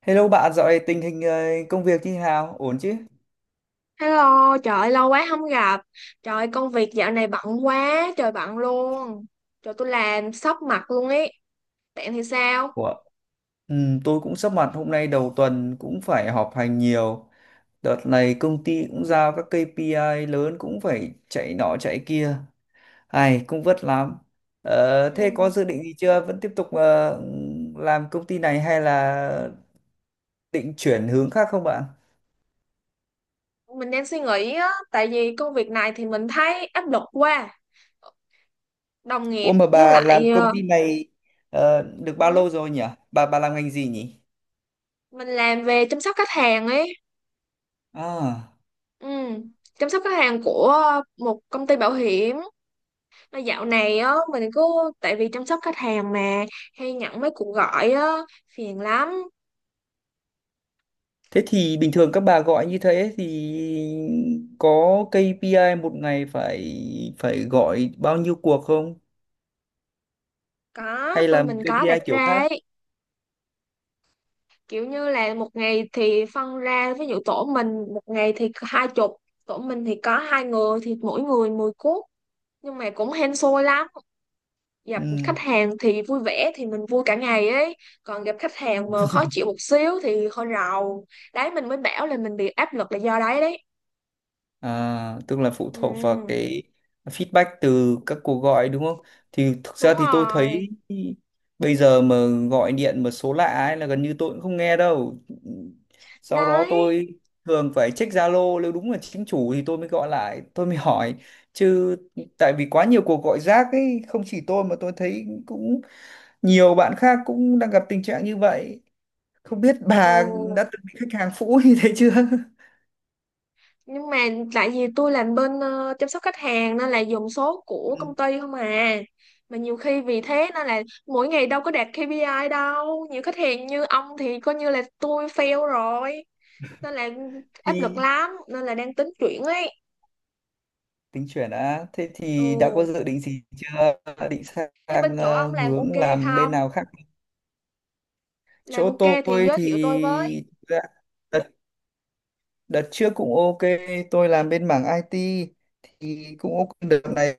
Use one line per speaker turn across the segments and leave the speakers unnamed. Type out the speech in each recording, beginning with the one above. Hello bạn, dạo này tình hình công việc như thế nào? Ổn chứ?
Hello, trời ơi, lâu quá không gặp. Trời ơi, công việc dạo này bận quá, trời bận luôn. Trời tôi làm sốc mặt luôn ấy. Bạn thì sao?
Ủa? Ừ, tôi cũng sắp mặt hôm nay đầu tuần cũng phải họp hành nhiều. Đợt này công ty cũng giao các KPI lớn cũng phải chạy nọ chạy kia. Ai cũng vất lắm. Thế
Ừ.
có dự định gì chưa? Vẫn tiếp tục làm công ty này hay là định chuyển hướng khác không bạn?
Mình đang suy nghĩ á, tại vì công việc này thì mình thấy áp lực quá. Đồng
Ủa
nghiệp
mà
với
bà làm
lại
công ty này được bao
ừ,
lâu rồi nhỉ? Bà làm ngành gì nhỉ?
mình làm về chăm sóc khách hàng ấy.
À.
Ừ. Chăm sóc khách hàng của một công ty bảo hiểm. Mà dạo này á, mình cứ tại vì chăm sóc khách hàng mà hay nhận mấy cuộc gọi á, phiền lắm.
Thế thì bình thường các bà gọi như thế thì có KPI một ngày phải phải gọi bao nhiêu cuộc không?
Có,
Hay là
bên mình có đặt
KPI kiểu
ra
khác?
ấy. Kiểu như là một ngày thì phân ra, ví dụ tổ mình một ngày thì 20, tổ mình thì có hai người thì mỗi người 10 cuốc, nhưng mà cũng hên xui lắm. Gặp
Ừ.
khách hàng thì vui vẻ thì mình vui cả ngày ấy, còn gặp khách hàng mà khó chịu một xíu thì hơi rầu đấy, mình mới bảo là mình bị áp lực là do đấy đấy.
À, tức là phụ
Ừ,
thuộc vào cái feedback từ các cuộc gọi đúng không? Thì thực ra
đúng
thì tôi
rồi.
thấy bây giờ mà gọi điện mà số lạ ấy là gần như tôi cũng không nghe đâu. Sau đó
Đấy.
tôi thường phải check Zalo nếu đúng là chính chủ thì tôi mới gọi lại, tôi mới hỏi. Chứ tại vì quá nhiều cuộc gọi rác ấy, không chỉ tôi mà tôi thấy cũng nhiều bạn khác cũng đang gặp tình trạng như vậy. Không biết bà
Ừ.
đã từng bị khách hàng phũ như thế chưa?
Nhưng mà tại vì tôi làm bên chăm sóc khách hàng nên là dùng số của công
Ừ,
ty không à. Mà nhiều khi vì thế nên là mỗi ngày đâu có đạt KPI đâu, nhiều khách hàng như ông thì coi như là tôi fail rồi, nên là áp lực
thì
lắm, nên là đang tính chuyển ấy.
tính chuyển á thế thì đã có
Ừ,
dự định gì chưa? Đã định
thế bên
sang
chỗ ông làm
hướng
ok
làm bên
không?
nào khác?
Làm
Chỗ
ok thì
tôi
giới
thì
thiệu tôi với.
đợt, đợt trước cũng ok. Tôi làm bên mảng IT thì cũng ok. Đợt này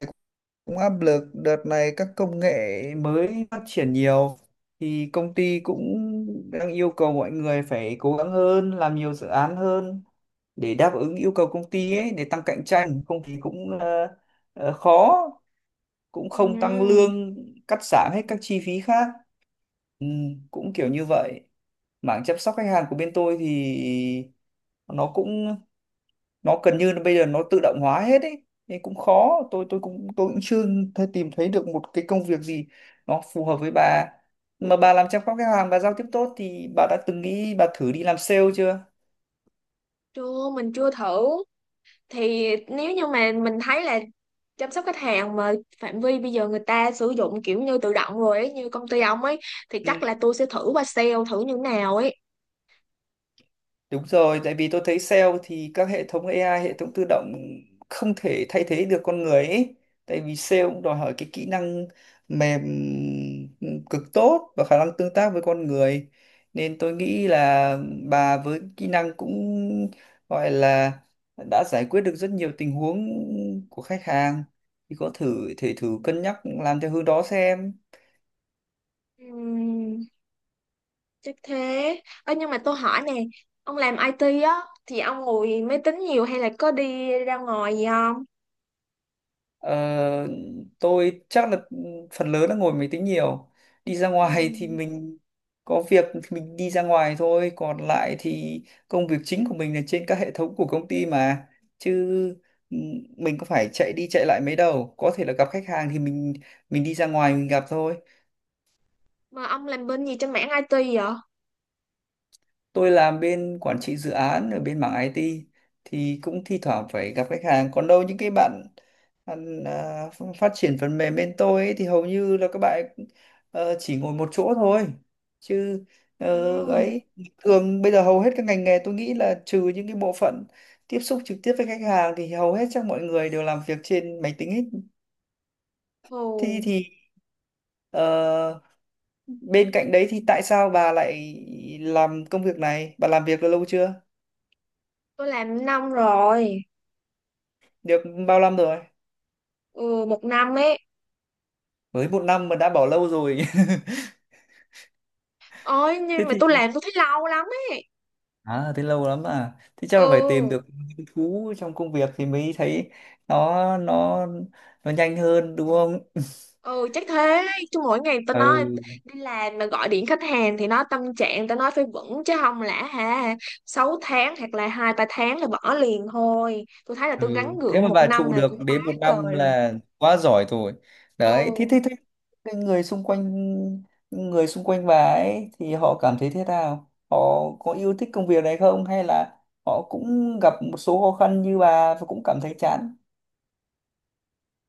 cũng áp lực, đợt này các công nghệ mới phát triển nhiều thì công ty cũng đang yêu cầu mọi người phải cố gắng hơn, làm nhiều dự án hơn để đáp ứng yêu cầu công ty ấy, để tăng cạnh tranh, không thì cũng khó, cũng không tăng
Ừ.
lương, cắt giảm hết các chi phí khác, ừ, cũng kiểu như vậy. Mảng chăm sóc khách hàng của bên tôi thì nó cũng nó gần như là bây giờ nó tự động hóa hết ấy nên cũng khó. Tôi cũng, tôi cũng chưa thấy, tìm thấy được một cái công việc gì nó phù hợp với bà. Mà bà làm chăm sóc khách hàng, bà giao tiếp tốt thì bà đã từng nghĩ bà thử đi làm sale chưa?
Chưa, mình chưa thử. Thì nếu như mà mình thấy là chăm sóc khách hàng mà phạm vi bây giờ người ta sử dụng kiểu như tự động rồi ấy, như công ty ông ấy, thì
Ừ.
chắc là tôi sẽ thử qua sale thử như nào ấy.
Đúng rồi, tại vì tôi thấy sale thì các hệ thống AI, hệ thống tự động không thể thay thế được con người ấy. Tại vì sale cũng đòi hỏi cái kỹ năng mềm cực tốt và khả năng tương tác với con người. Nên tôi nghĩ là bà với kỹ năng cũng gọi là đã giải quyết được rất nhiều tình huống của khách hàng. Thì có thử thể thử cân nhắc làm theo hướng đó xem.
Ừm, chắc thế. Ơ nhưng mà tôi hỏi nè, ông làm IT á thì ông ngồi máy tính nhiều hay là có đi ra ngoài gì không?
Ờ, tôi chắc là phần lớn là ngồi máy tính nhiều. Đi ra ngoài thì
Ừm,
mình có việc thì mình đi ra ngoài thôi, còn lại thì công việc chính của mình là trên các hệ thống của công ty mà. Chứ ừ, mình có phải chạy đi chạy lại mấy đâu. Có thể là gặp khách hàng thì mình đi ra ngoài mình gặp thôi.
mà ông làm bên gì trên mảng IT vậy?
Tôi làm bên quản trị dự án ở bên mảng IT thì cũng thi thoảng phải gặp khách hàng, còn đâu những cái bạn bạn, à, ph- phát triển phần mềm bên tôi ấy, thì hầu như là các bạn ấy, chỉ ngồi một chỗ thôi, chứ ờ,
Ừm.
ấy thường bây giờ hầu hết các ngành nghề tôi nghĩ là trừ những cái bộ phận tiếp xúc trực tiếp với khách hàng thì hầu hết chắc mọi người đều làm việc trên máy tính hết.
Ồ,
thì thì ờ, Bên cạnh đấy thì tại sao bà lại làm công việc này, bà làm việc được lâu chưa,
tôi làm năm rồi.
được bao năm rồi?
Ừ, một năm ấy.
Mới một năm mà đã bỏ lâu rồi?
Ôi
Thế
nhưng mà tôi
thì,
làm tôi thấy lâu lắm ấy.
à thế lâu lắm à, thế chắc là phải tìm
Ừ,
được hứng thú trong công việc thì mới thấy nó nó nó nhanh hơn đúng không?
ừ, chắc thế. Chứ mỗi ngày tao nói,
Ừ,
đi làm mà gọi điện khách hàng thì nó tâm trạng, tao nói phải vững chứ không lẽ ha, 6 tháng hoặc là 2-3 tháng là bỏ liền thôi. Tôi thấy là tôi
ừ.
gắng
Thế
gượng
mà
một
bà
năm
trụ
này
được
cũng quá
đến 1 năm
trời rồi.
là quá giỏi rồi đấy. thế
Ừ.
thế thế cái người xung quanh, người xung quanh bà ấy thì họ cảm thấy thế nào, họ có yêu thích công việc này không hay là họ cũng gặp một số khó khăn như bà và cũng cảm thấy chán?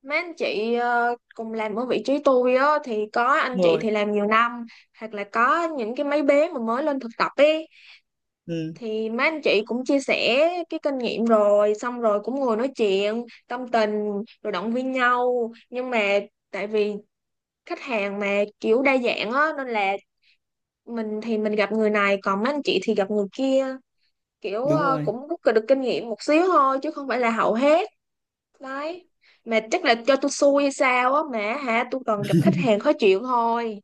Mấy anh chị cùng làm ở vị trí tôi á thì có anh
Đúng
chị
rồi.
thì làm nhiều năm, hoặc là có những cái mấy bé mà mới lên thực tập ý,
Ừ,
thì mấy anh chị cũng chia sẻ cái kinh nghiệm rồi, xong rồi cũng ngồi nói chuyện tâm tình rồi động viên nhau. Nhưng mà tại vì khách hàng mà kiểu đa dạng á nên là mình thì mình gặp người này, còn mấy anh chị thì gặp người kia, kiểu
đúng rồi,
cũng rút được kinh nghiệm một xíu thôi chứ không phải là hậu hết. Đấy. Mà chắc là cho tôi xui hay sao á mà, hả, tôi toàn gặp khách hàng khó chịu thôi.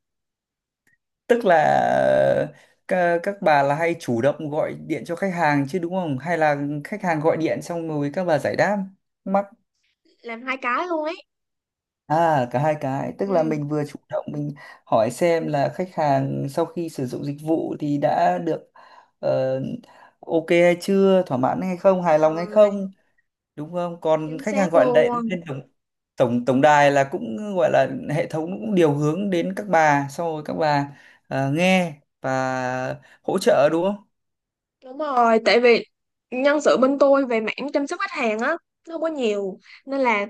tức là các bà là hay chủ động gọi điện cho khách hàng chứ đúng không hay là khách hàng gọi điện xong rồi các bà giải đáp mắc?
Làm hai cái luôn ấy.
À cả hai cái, tức là
Ừ.
mình vừa chủ động mình hỏi xem là khách hàng sau khi sử dụng dịch vụ thì đã được ờ, ok hay chưa, thỏa mãn hay không,
Đúng
hài lòng hay
rồi.
không, đúng không? Còn
Chính
khách hàng
xác
gọi lại
luôn.
lên tổng tổng tổng đài là cũng gọi là hệ thống cũng điều hướng đến các bà xong rồi các bà nghe và hỗ trợ đúng không?
Đúng rồi, tại vì nhân sự bên tôi về mảng chăm sóc khách hàng á, nó không có nhiều. Nên là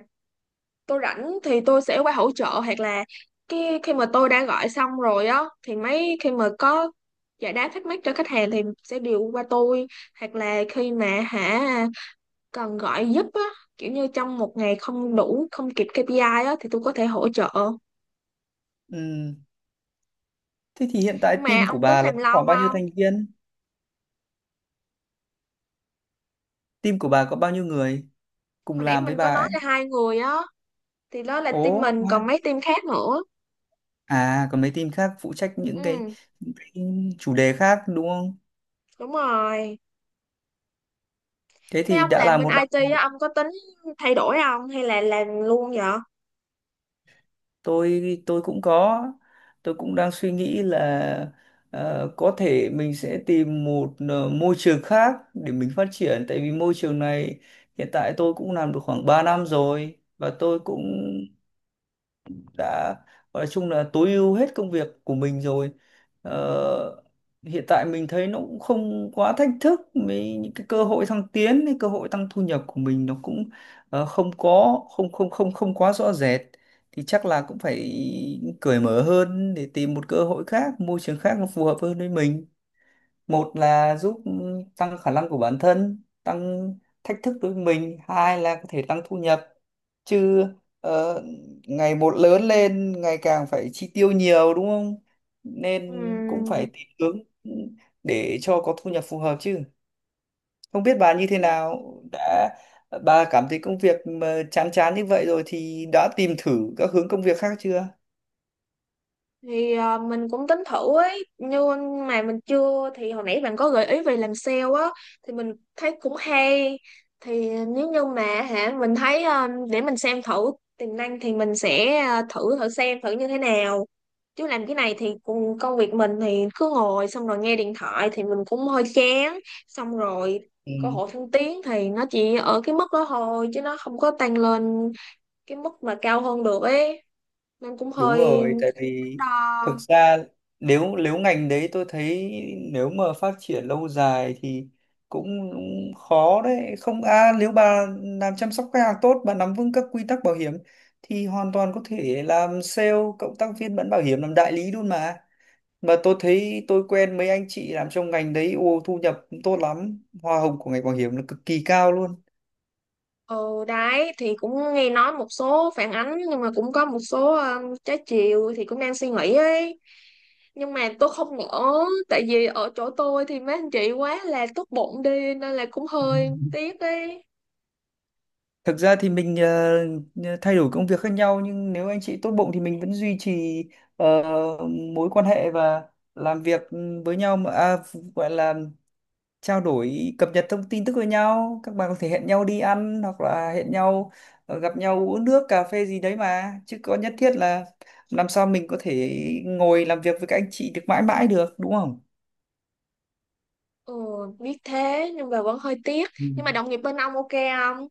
tôi rảnh thì tôi sẽ qua hỗ trợ, hoặc là cái khi mà tôi đã gọi xong rồi á, thì mấy khi mà có giải đáp thắc mắc cho khách hàng thì sẽ điều qua tôi. Hoặc là khi mà, hả, cần gọi giúp á, kiểu như trong một ngày không đủ, không kịp KPI á, thì tôi có thể hỗ trợ.
Ừ. Thế thì hiện tại
Nhưng mà
team của
ông tính
bà là
làm
có
lâu
khoảng bao nhiêu
không?
thành viên? Team của bà có bao nhiêu người cùng
Hồi nãy
làm với
mình có
bà
nói
ấy?
là hai người á, thì đó là team
Ồ,
mình
wow.
còn mấy team khác nữa.
À còn mấy team khác phụ trách
Ừ.
những cái chủ đề khác đúng không?
Đúng rồi.
Thế
Thế
thì
ông
đã là
làm bên
một,
IT á, ông có tính thay đổi không hay là làm luôn vậy?
tôi cũng có, tôi cũng đang suy nghĩ là có thể mình sẽ tìm một môi trường khác để mình phát triển, tại vì môi trường này hiện tại tôi cũng làm được khoảng 3 năm rồi và tôi cũng đã, nói chung là tối ưu hết công việc của mình rồi. Ờ, hiện tại mình thấy nó cũng không quá thách thức mấy, những cái cơ hội thăng tiến, cái cơ hội tăng thu nhập của mình nó cũng không có, không không không không quá rõ rệt, thì chắc là cũng phải cởi mở hơn để tìm một cơ hội khác, môi trường khác nó phù hợp hơn với mình. Một là giúp tăng khả năng của bản thân, tăng thách thức đối với mình, hai là có thể tăng thu nhập. Chứ ờ, ngày một lớn lên ngày càng phải chi tiêu nhiều đúng không, nên cũng phải
Ừm,
tìm hướng để cho có thu nhập phù hợp. Chứ không biết bà như thế nào, đã, bà cảm thấy công việc mà chán chán như vậy rồi thì đã tìm thử các hướng công việc khác chưa?
thì à, mình cũng tính thử ấy nhưng mà mình chưa. Thì hồi nãy bạn có gợi ý về làm sale á thì mình thấy cũng hay. Thì nếu như mà hả, mình thấy à, để mình xem thử tiềm năng thì mình sẽ à, thử thử xem thử như thế nào. Chứ làm cái này thì cùng công việc mình thì cứ ngồi xong rồi nghe điện thoại thì mình cũng hơi chán. Xong rồi cơ
Ừ.
hội thăng tiến thì nó chỉ ở cái mức đó thôi chứ nó không có tăng lên cái mức mà cao hơn được ấy, nên cũng
Đúng
hơi
rồi, tại
đắn
vì thực
đo.
ra nếu nếu ngành đấy tôi thấy nếu mà phát triển lâu dài thì cũng khó đấy. Không à, nếu bà làm chăm sóc khách hàng tốt, bà nắm vững các quy tắc bảo hiểm thì hoàn toàn có thể làm sale, cộng tác viên bán bảo hiểm, làm đại lý luôn mà. Mà tôi thấy tôi quen mấy anh chị làm trong ngành đấy, ô thu nhập tốt lắm, hoa hồng của ngành bảo hiểm là cực kỳ cao luôn.
Ừ, đấy thì cũng nghe nói một số phản ánh nhưng mà cũng có một số trái chiều thì cũng đang suy nghĩ ấy, nhưng mà tôi không nỡ. Tại vì ở chỗ tôi thì mấy anh chị quá là tốt bụng đi nên là cũng hơi tiếc ấy.
Thực ra thì mình thay đổi công việc khác nhau nhưng nếu anh chị tốt bụng thì mình vẫn duy trì ờ, mối quan hệ và làm việc ừ, với nhau mà, à, gọi là trao đổi cập nhật thông tin tức với nhau. Các bạn có thể hẹn nhau đi ăn hoặc là hẹn nhau gặp nhau uống nước cà phê gì đấy mà, chứ có nhất thiết là làm sao mình có thể ngồi làm việc với các anh chị được mãi mãi được đúng không?
Ừ, biết thế nhưng mà vẫn hơi tiếc.
Ừ.
Nhưng mà đồng nghiệp bên ông ok không?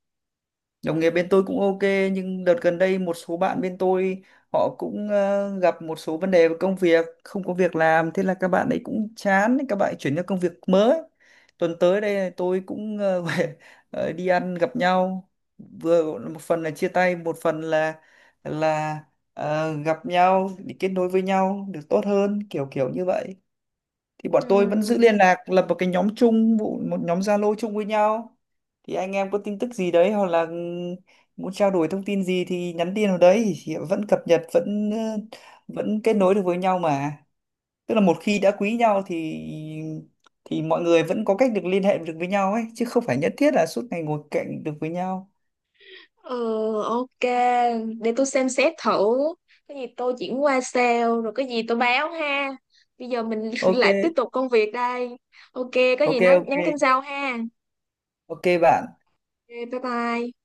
Đồng nghiệp bên tôi cũng ok, nhưng đợt gần đây một số bạn bên tôi họ cũng gặp một số vấn đề về công việc, không có việc làm, thế là các bạn ấy cũng chán, các bạn ấy chuyển sang công việc mới. Tuần tới đây tôi cũng về đi ăn gặp nhau. Vừa một phần là chia tay, một phần là gặp nhau để kết nối với nhau được tốt hơn, kiểu kiểu như vậy. Thì bọn tôi vẫn giữ
Ừ.
liên lạc, lập một cái nhóm chung, một nhóm Zalo chung với nhau, thì anh em có tin tức gì đấy hoặc là muốn trao đổi thông tin gì thì nhắn tin vào đấy thì vẫn cập nhật, vẫn vẫn kết nối được với nhau mà. Tức là một khi đã quý nhau thì mọi người vẫn có cách được liên hệ được với nhau ấy, chứ không phải nhất thiết là suốt ngày ngồi cạnh được với nhau.
Ừ, ok. Để tôi xem xét thử. Cái gì tôi chuyển qua sale, rồi cái gì tôi báo ha. Bây giờ mình
Ok,
lại tiếp tục công việc đây. Ok, có gì
ok,
nói
ok,
nhắn tin sau ha.
ok bạn.
Ok, bye bye.